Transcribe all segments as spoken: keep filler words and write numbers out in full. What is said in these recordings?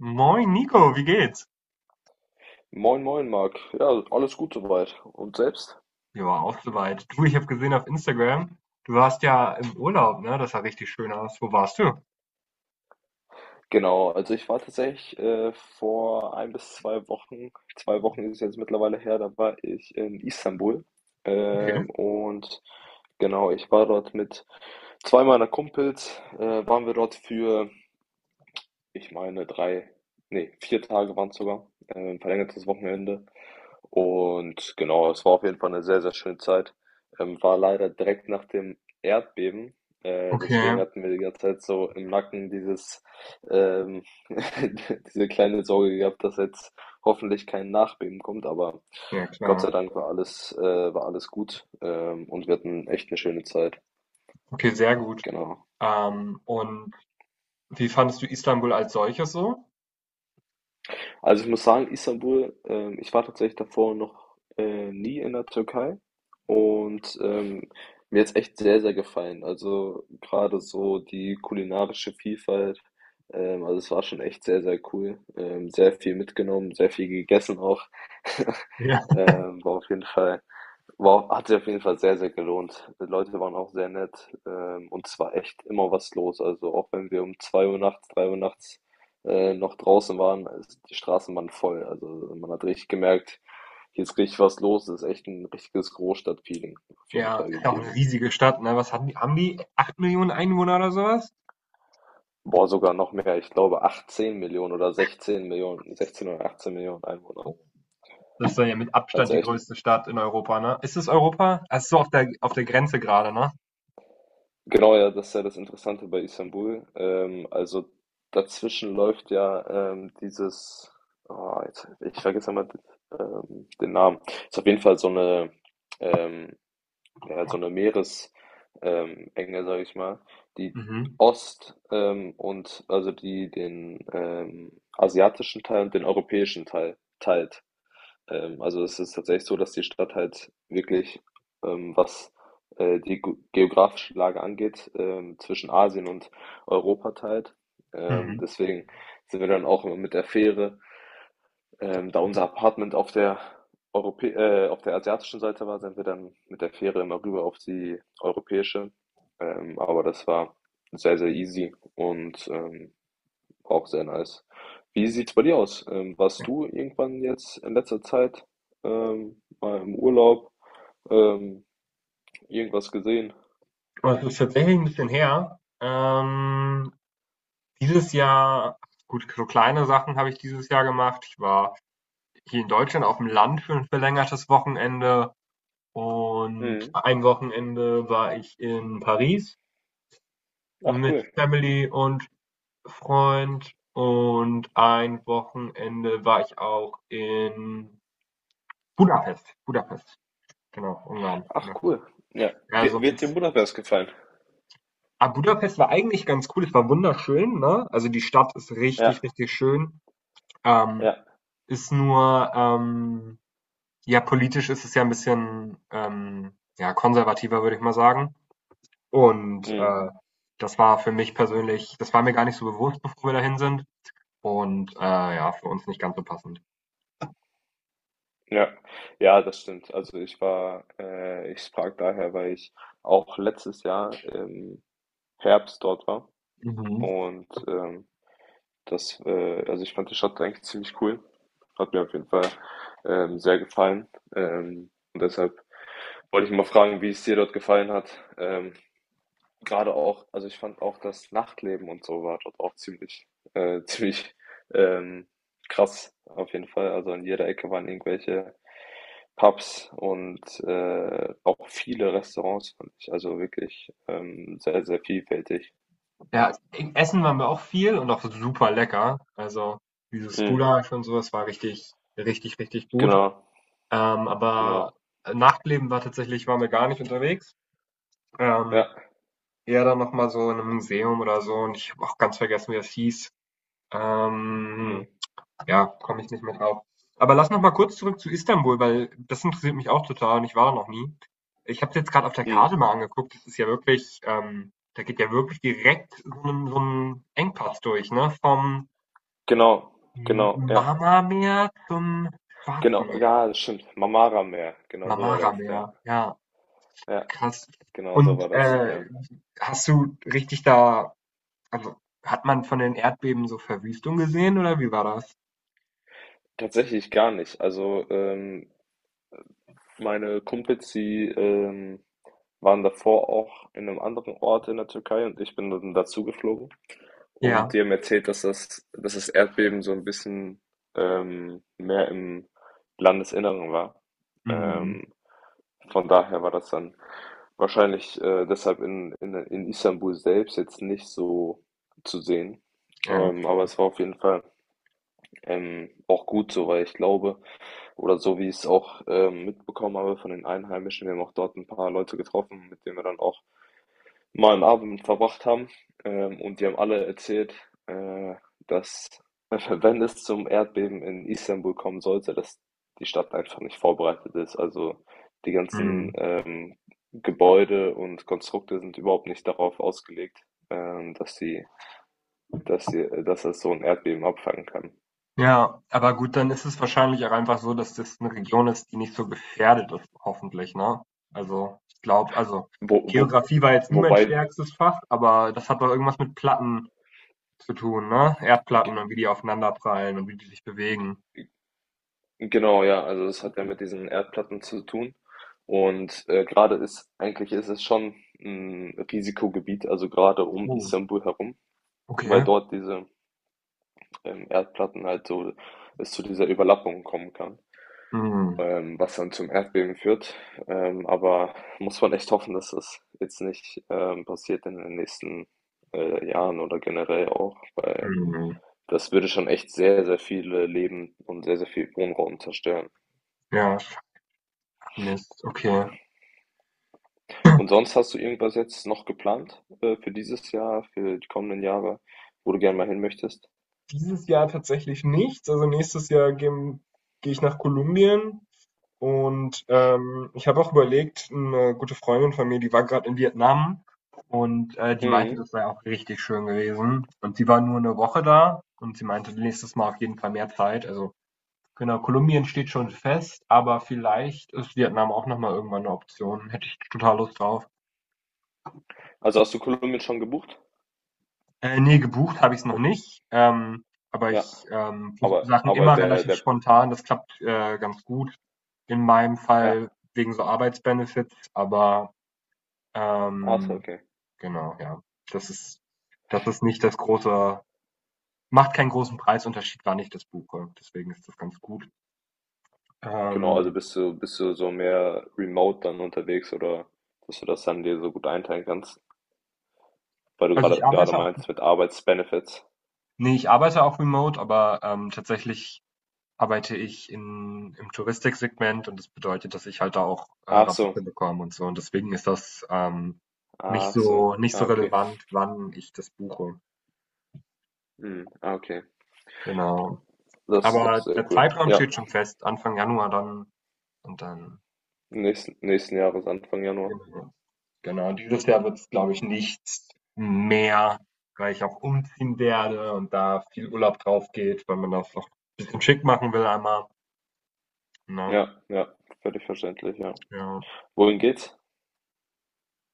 Moin Nico, wie geht's? Moin, moin, Marc. Ja, alles gut soweit. Und selbst? Ja, auch soweit. Du, ich habe gesehen auf Instagram, du warst ja im Urlaub, ne? Das sah richtig schön aus. Wo warst du? Genau, also ich war tatsächlich äh, vor ein bis zwei Wochen, zwei Wochen ist es jetzt mittlerweile her, da war ich in Istanbul. Okay. Ähm, und genau, ich war dort mit zwei meiner Kumpels, äh, waren wir dort für ich meine, drei, nee, vier Tage waren es sogar, äh, ein verlängertes Wochenende. Und genau, es war auf jeden Fall eine sehr, sehr schöne Zeit. Ähm, war leider direkt nach dem Erdbeben, äh, Okay. deswegen hatten wir die ganze Zeit so im Nacken dieses, ähm diese kleine Sorge gehabt, dass jetzt hoffentlich kein Nachbeben kommt, aber Ja, Gott klar. sei Dank war alles äh, war alles gut, ähm, und wir hatten echt eine schöne Zeit. Okay, sehr gut. Genau. Ähm, und wie fandest du Istanbul als solches so? Also ich muss sagen, Istanbul, ähm, ich war tatsächlich davor noch äh, nie in der Türkei und ähm, mir hat's echt sehr, sehr gefallen. Also gerade so die kulinarische Vielfalt, ähm, also es war schon echt sehr, sehr cool. Ähm, sehr viel mitgenommen, sehr viel gegessen auch. Ja. Ähm, war auf jeden Fall. Wow, hat sich auf jeden Fall sehr, sehr gelohnt. Die Leute waren auch sehr nett, ähm, und es war echt immer was los. Also auch wenn wir um zwei Uhr nachts, drei Uhr nachts, äh, noch draußen waren, es die Straßen waren voll. Also man hat richtig gemerkt, hier ist richtig was los. Es ist echt ein richtiges Großstadtfeeling auf jeden Ja, Fall ist auch eine gegeben. riesige Stadt, ne? Was haben die? Haben die acht Millionen Einwohner oder sowas? Boah, sogar noch mehr. Ich glaube achtzehn Millionen oder sechzehn Millionen, sechzehn oder achtzehn Millionen Einwohner. Oh, das ist dann ja mit Abstand Also die echt. größte Stadt in Europa, ne? Ist es Europa? Also so auf der auf der Grenze gerade, ne? Genau, ja, das ist ja das Interessante bei Istanbul. Ähm, also dazwischen läuft ja ähm, dieses, oh, jetzt, ich vergesse immer ähm, den Namen. Ist auf jeden Fall so eine, ähm, ja, so eine Meeresenge, ähm, Enge, sag ich mal, die Mhm. Ost ähm, und also die den ähm, asiatischen Teil und den europäischen Teil teilt. Ähm, also es ist tatsächlich so, dass die Stadt halt wirklich, ähm, was äh, die gu- geografische Lage angeht, ähm, zwischen Asien und Europa teilt. Ähm, Mhm. deswegen sind wir dann auch immer mit der Fähre, ähm, da unser Apartment auf der Europä äh, auf der asiatischen Seite war, sind wir dann mit der Fähre immer rüber auf die europäische. Ähm, aber das war sehr, sehr easy und ähm, auch sehr nice. Wie sieht's bei dir aus? Ähm, warst Ja. du irgendwann jetzt in letzter Zeit ähm, mal im Urlaub ähm, irgendwas gesehen? Aber es ist tatsächlich ein bisschen her. Ähm, Dieses Jahr gut, so kleine Sachen habe ich dieses Jahr gemacht. Ich war hier in Deutschland auf dem Land für ein verlängertes Wochenende, und Mhm. ein Wochenende war ich in Paris Ach mit cool. Family und Freund, und ein Wochenende war ich auch in Budapest. Budapest, genau, Ungarn, Ach Budapest. cool. Ja. Wird, Also, wird dir Budapest gefallen? ah, Budapest war eigentlich ganz cool. Es war wunderschön, ne? Also, die Stadt ist richtig, Ja, richtig schön. Ähm ja. Ist nur, ähm, ja, politisch ist es ja ein bisschen, ähm, ja, konservativer, würde ich mal sagen. Und, Mhm. äh, das war für mich persönlich, das war mir gar nicht so bewusst, bevor wir dahin sind, und, äh, ja, für uns nicht ganz so passend. Ja. Ja, das stimmt. Also ich war, äh, ich frag daher, weil ich auch letztes Jahr im Herbst dort war Mhm. und ähm, Das, äh, also ich fand die Stadt eigentlich ziemlich cool. Hat mir auf jeden Fall ähm, sehr gefallen. Ähm, und deshalb wollte ich mal fragen, wie es dir dort gefallen hat. Ähm, gerade auch, also ich fand auch das Nachtleben und so war dort auch ziemlich, äh, ziemlich ähm, krass auf jeden Fall. Also an jeder Ecke waren irgendwelche Pubs und äh, auch viele Restaurants fand ich. Also wirklich ähm, sehr, sehr vielfältig. Ja, e essen waren wir auch viel, und auch super lecker. Also, dieses Mhm. Gulasch und sowas war richtig, richtig, richtig gut. Genau, Ähm, aber genau. Nachtleben, war tatsächlich waren wir gar nicht unterwegs. Ähm Ja. Ja, dann noch mal so in einem Museum oder so, und ich habe auch ganz vergessen, wie das hieß. Ähm, Mhm. ja, komme ich nicht mehr drauf. Aber lass noch mal kurz zurück zu Istanbul, weil das interessiert mich auch total und ich war da noch nie. Ich habe es jetzt gerade auf der Mhm. Karte mal angeguckt, das ist ja wirklich, ähm, da geht ja wirklich direkt so ein so 'n Engpass durch, ne? Vom Genau, M genau, ja. Marmarmeer zum Schwarzen Genau, Meer, ja, das stimmt. Marmara-Meer, genau so war Marmara das, ja. Meer, ja, Ja, krass. genau so war Und, das, ja. äh, hast du richtig da also, hat man von den Erdbeben so Verwüstung gesehen oder wie war das? Tatsächlich gar nicht. Also, ähm, meine Kumpels, die ähm, waren davor auch in einem anderen Ort in der Türkei und ich bin dann dazu geflogen. Und Ja. die haben erzählt, dass das, dass das Erdbeben so ein bisschen ähm, mehr im Landesinneren war. Mhm. Ähm, Von daher war das dann wahrscheinlich äh, deshalb in, in, in Istanbul selbst jetzt nicht so zu sehen. Ja, ok. Ähm, aber es war auf jeden Fall ähm, auch gut so, weil ich glaube, oder so wie ich es auch ähm, mitbekommen habe von den Einheimischen, wir haben auch dort ein paar Leute getroffen, mit denen wir dann auch mal 'n Abend verbracht haben, ähm, und die haben alle erzählt, äh, dass wenn es zum Erdbeben in Istanbul kommen sollte, dass die Stadt einfach nicht vorbereitet ist. Also, die ganzen, Mhm. ähm, Gebäude und Konstrukte sind überhaupt nicht darauf ausgelegt, ähm, dass sie dass sie dass es so ein Erdbeben abfangen kann. Ja, aber gut, dann ist es wahrscheinlich auch einfach so, dass das eine Region ist, die nicht so gefährdet ist, hoffentlich, ne? Also, ich glaube, also, Wo wo Geografie war jetzt nie mein wobei stärkstes Fach, aber das hat doch irgendwas mit Platten zu tun, ne? Erdplatten, und wie die aufeinanderprallen und wie die sich bewegen. Genau, ja, also es hat ja mit diesen Erdplatten zu tun. Und äh, gerade ist, eigentlich ist es schon ein Risikogebiet, also gerade um Oh, Istanbul herum, weil okay. dort diese ähm, Erdplatten halt so es zu dieser Überlappung kommen kann, Mhm, ähm, was dann zum Erdbeben führt. Ähm, aber muss man echt hoffen, dass das jetzt nicht ähm, passiert in den nächsten äh, Jahren oder generell auch, weil mhm. das würde schon echt sehr, sehr viele Leben und sehr, sehr viel Wohnraum zerstören. Ja, sch Mist, okay. Und sonst hast du irgendwas jetzt noch geplant äh, für dieses Jahr, für die kommenden Jahre, wo du gerne mal hin möchtest? Dieses Jahr tatsächlich nichts. Also nächstes Jahr gehe geh ich nach Kolumbien, und ähm, ich habe auch überlegt, eine gute Freundin von mir, die war gerade in Vietnam, und äh, die meinte, Mhm. das sei auch richtig schön gewesen. Und sie war nur eine Woche da, und sie meinte, nächstes Mal auf jeden Fall mehr Zeit. Also genau, Kolumbien steht schon fest, aber vielleicht ist Vietnam auch nochmal irgendwann eine Option. Hätte ich total Lust drauf. Also hast du Kolumbien schon gebucht? Äh, ne, gebucht habe ich es noch Oh, nicht, ähm, aber ja, ich, ähm, buche aber Sachen aber immer der relativ der spontan. Das klappt, äh, ganz gut. In meinem ja, Fall wegen so Arbeitsbenefits, aber, ach so, ähm, okay. genau, ja. Das ist das ist nicht das große macht keinen großen Preisunterschied, wann ich das buche. Deswegen ist das ganz gut. Genau, also Ähm, bist du bist du so mehr remote dann unterwegs oder dass du das dann dir so gut einteilen kannst, weil du also, gerade ich gerade arbeite auch, meinst mit Arbeitsbenefits. ne, ich arbeite auch remote, aber, ähm, tatsächlich arbeite ich in im Touristiksegment, und das bedeutet, dass ich halt da auch, äh, Ach so, Rabatte bekomme und so, und deswegen ist das, ähm, nicht ach so, so nicht ah so okay, relevant, wann ich das buche, mhm. Ah okay, genau. das ist doch Aber sehr der cool. Zeitraum Ja, steht schon fest, Anfang Januar dann, und dann nächsten nächsten Jahres Anfang Januar. genau. Genau, und dieses Jahr wird es, glaube ich, nichts mehr, weil ich auch umziehen werde und da viel Urlaub drauf geht, weil man das auch bisschen schick machen will einmal, ne? Ja, ja, völlig verständlich, ja. Ja. Wohin geht's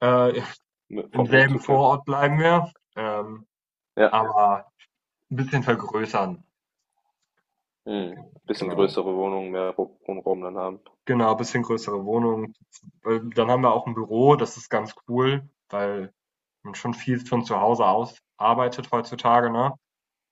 Äh, mit, Im vom selben Umzug her? Vorort bleiben wir, ähm Ja, aber ein bisschen vergrößern, mhm. Bisschen genau. größere Wohnung, mehr Ru- Wohnraum dann haben. Genau, ein bisschen größere Wohnung. Weil dann haben wir auch ein Büro, das ist ganz cool, weil man schon viel von zu Hause aus arbeitet heutzutage, ne?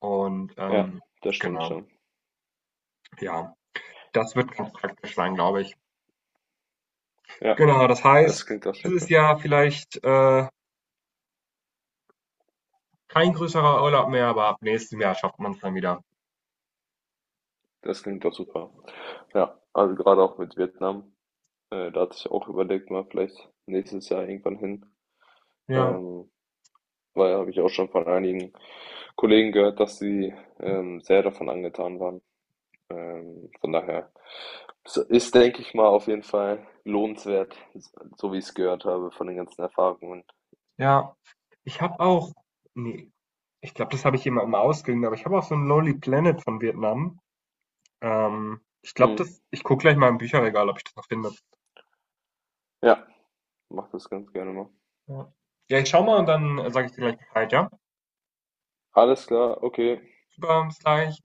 Und, Ja, ähm, das stimmt genau, schon. ja, das wird ganz praktisch sein, glaube ich. Ja, Genau, das das heißt, klingt doch sehr dieses cool. Jahr vielleicht, äh, kein größerer Urlaub mehr, aber ab nächstem Jahr schafft man es dann wieder. Das klingt doch super. Ja, also gerade auch mit Vietnam, äh, da hatte ich auch überlegt, mal vielleicht nächstes Jahr irgendwann hin. Ja, Ähm, weil habe ich auch schon von einigen Kollegen gehört, dass sie ähm, sehr davon angetan waren. Ähm, von daher s- ist, denke ich mal, auf jeden Fall lohnenswert, so wie ich es gehört habe von den ganzen Erfahrungen. ja. Ich habe auch, nee, ich glaube, das habe ich jemandem ausgeliehen, aber ich habe auch so ein Lonely Planet von Vietnam. Ähm, ich glaube, Mhm. das ich gucke gleich mal im Bücherregal, ob ich das noch finde. Ja, mach das ganz gerne mal. Ja. Ja, ich schau mal und dann, äh, sage ich dir gleich Bescheid, ja? Alles klar, okay. Super, bis gleich.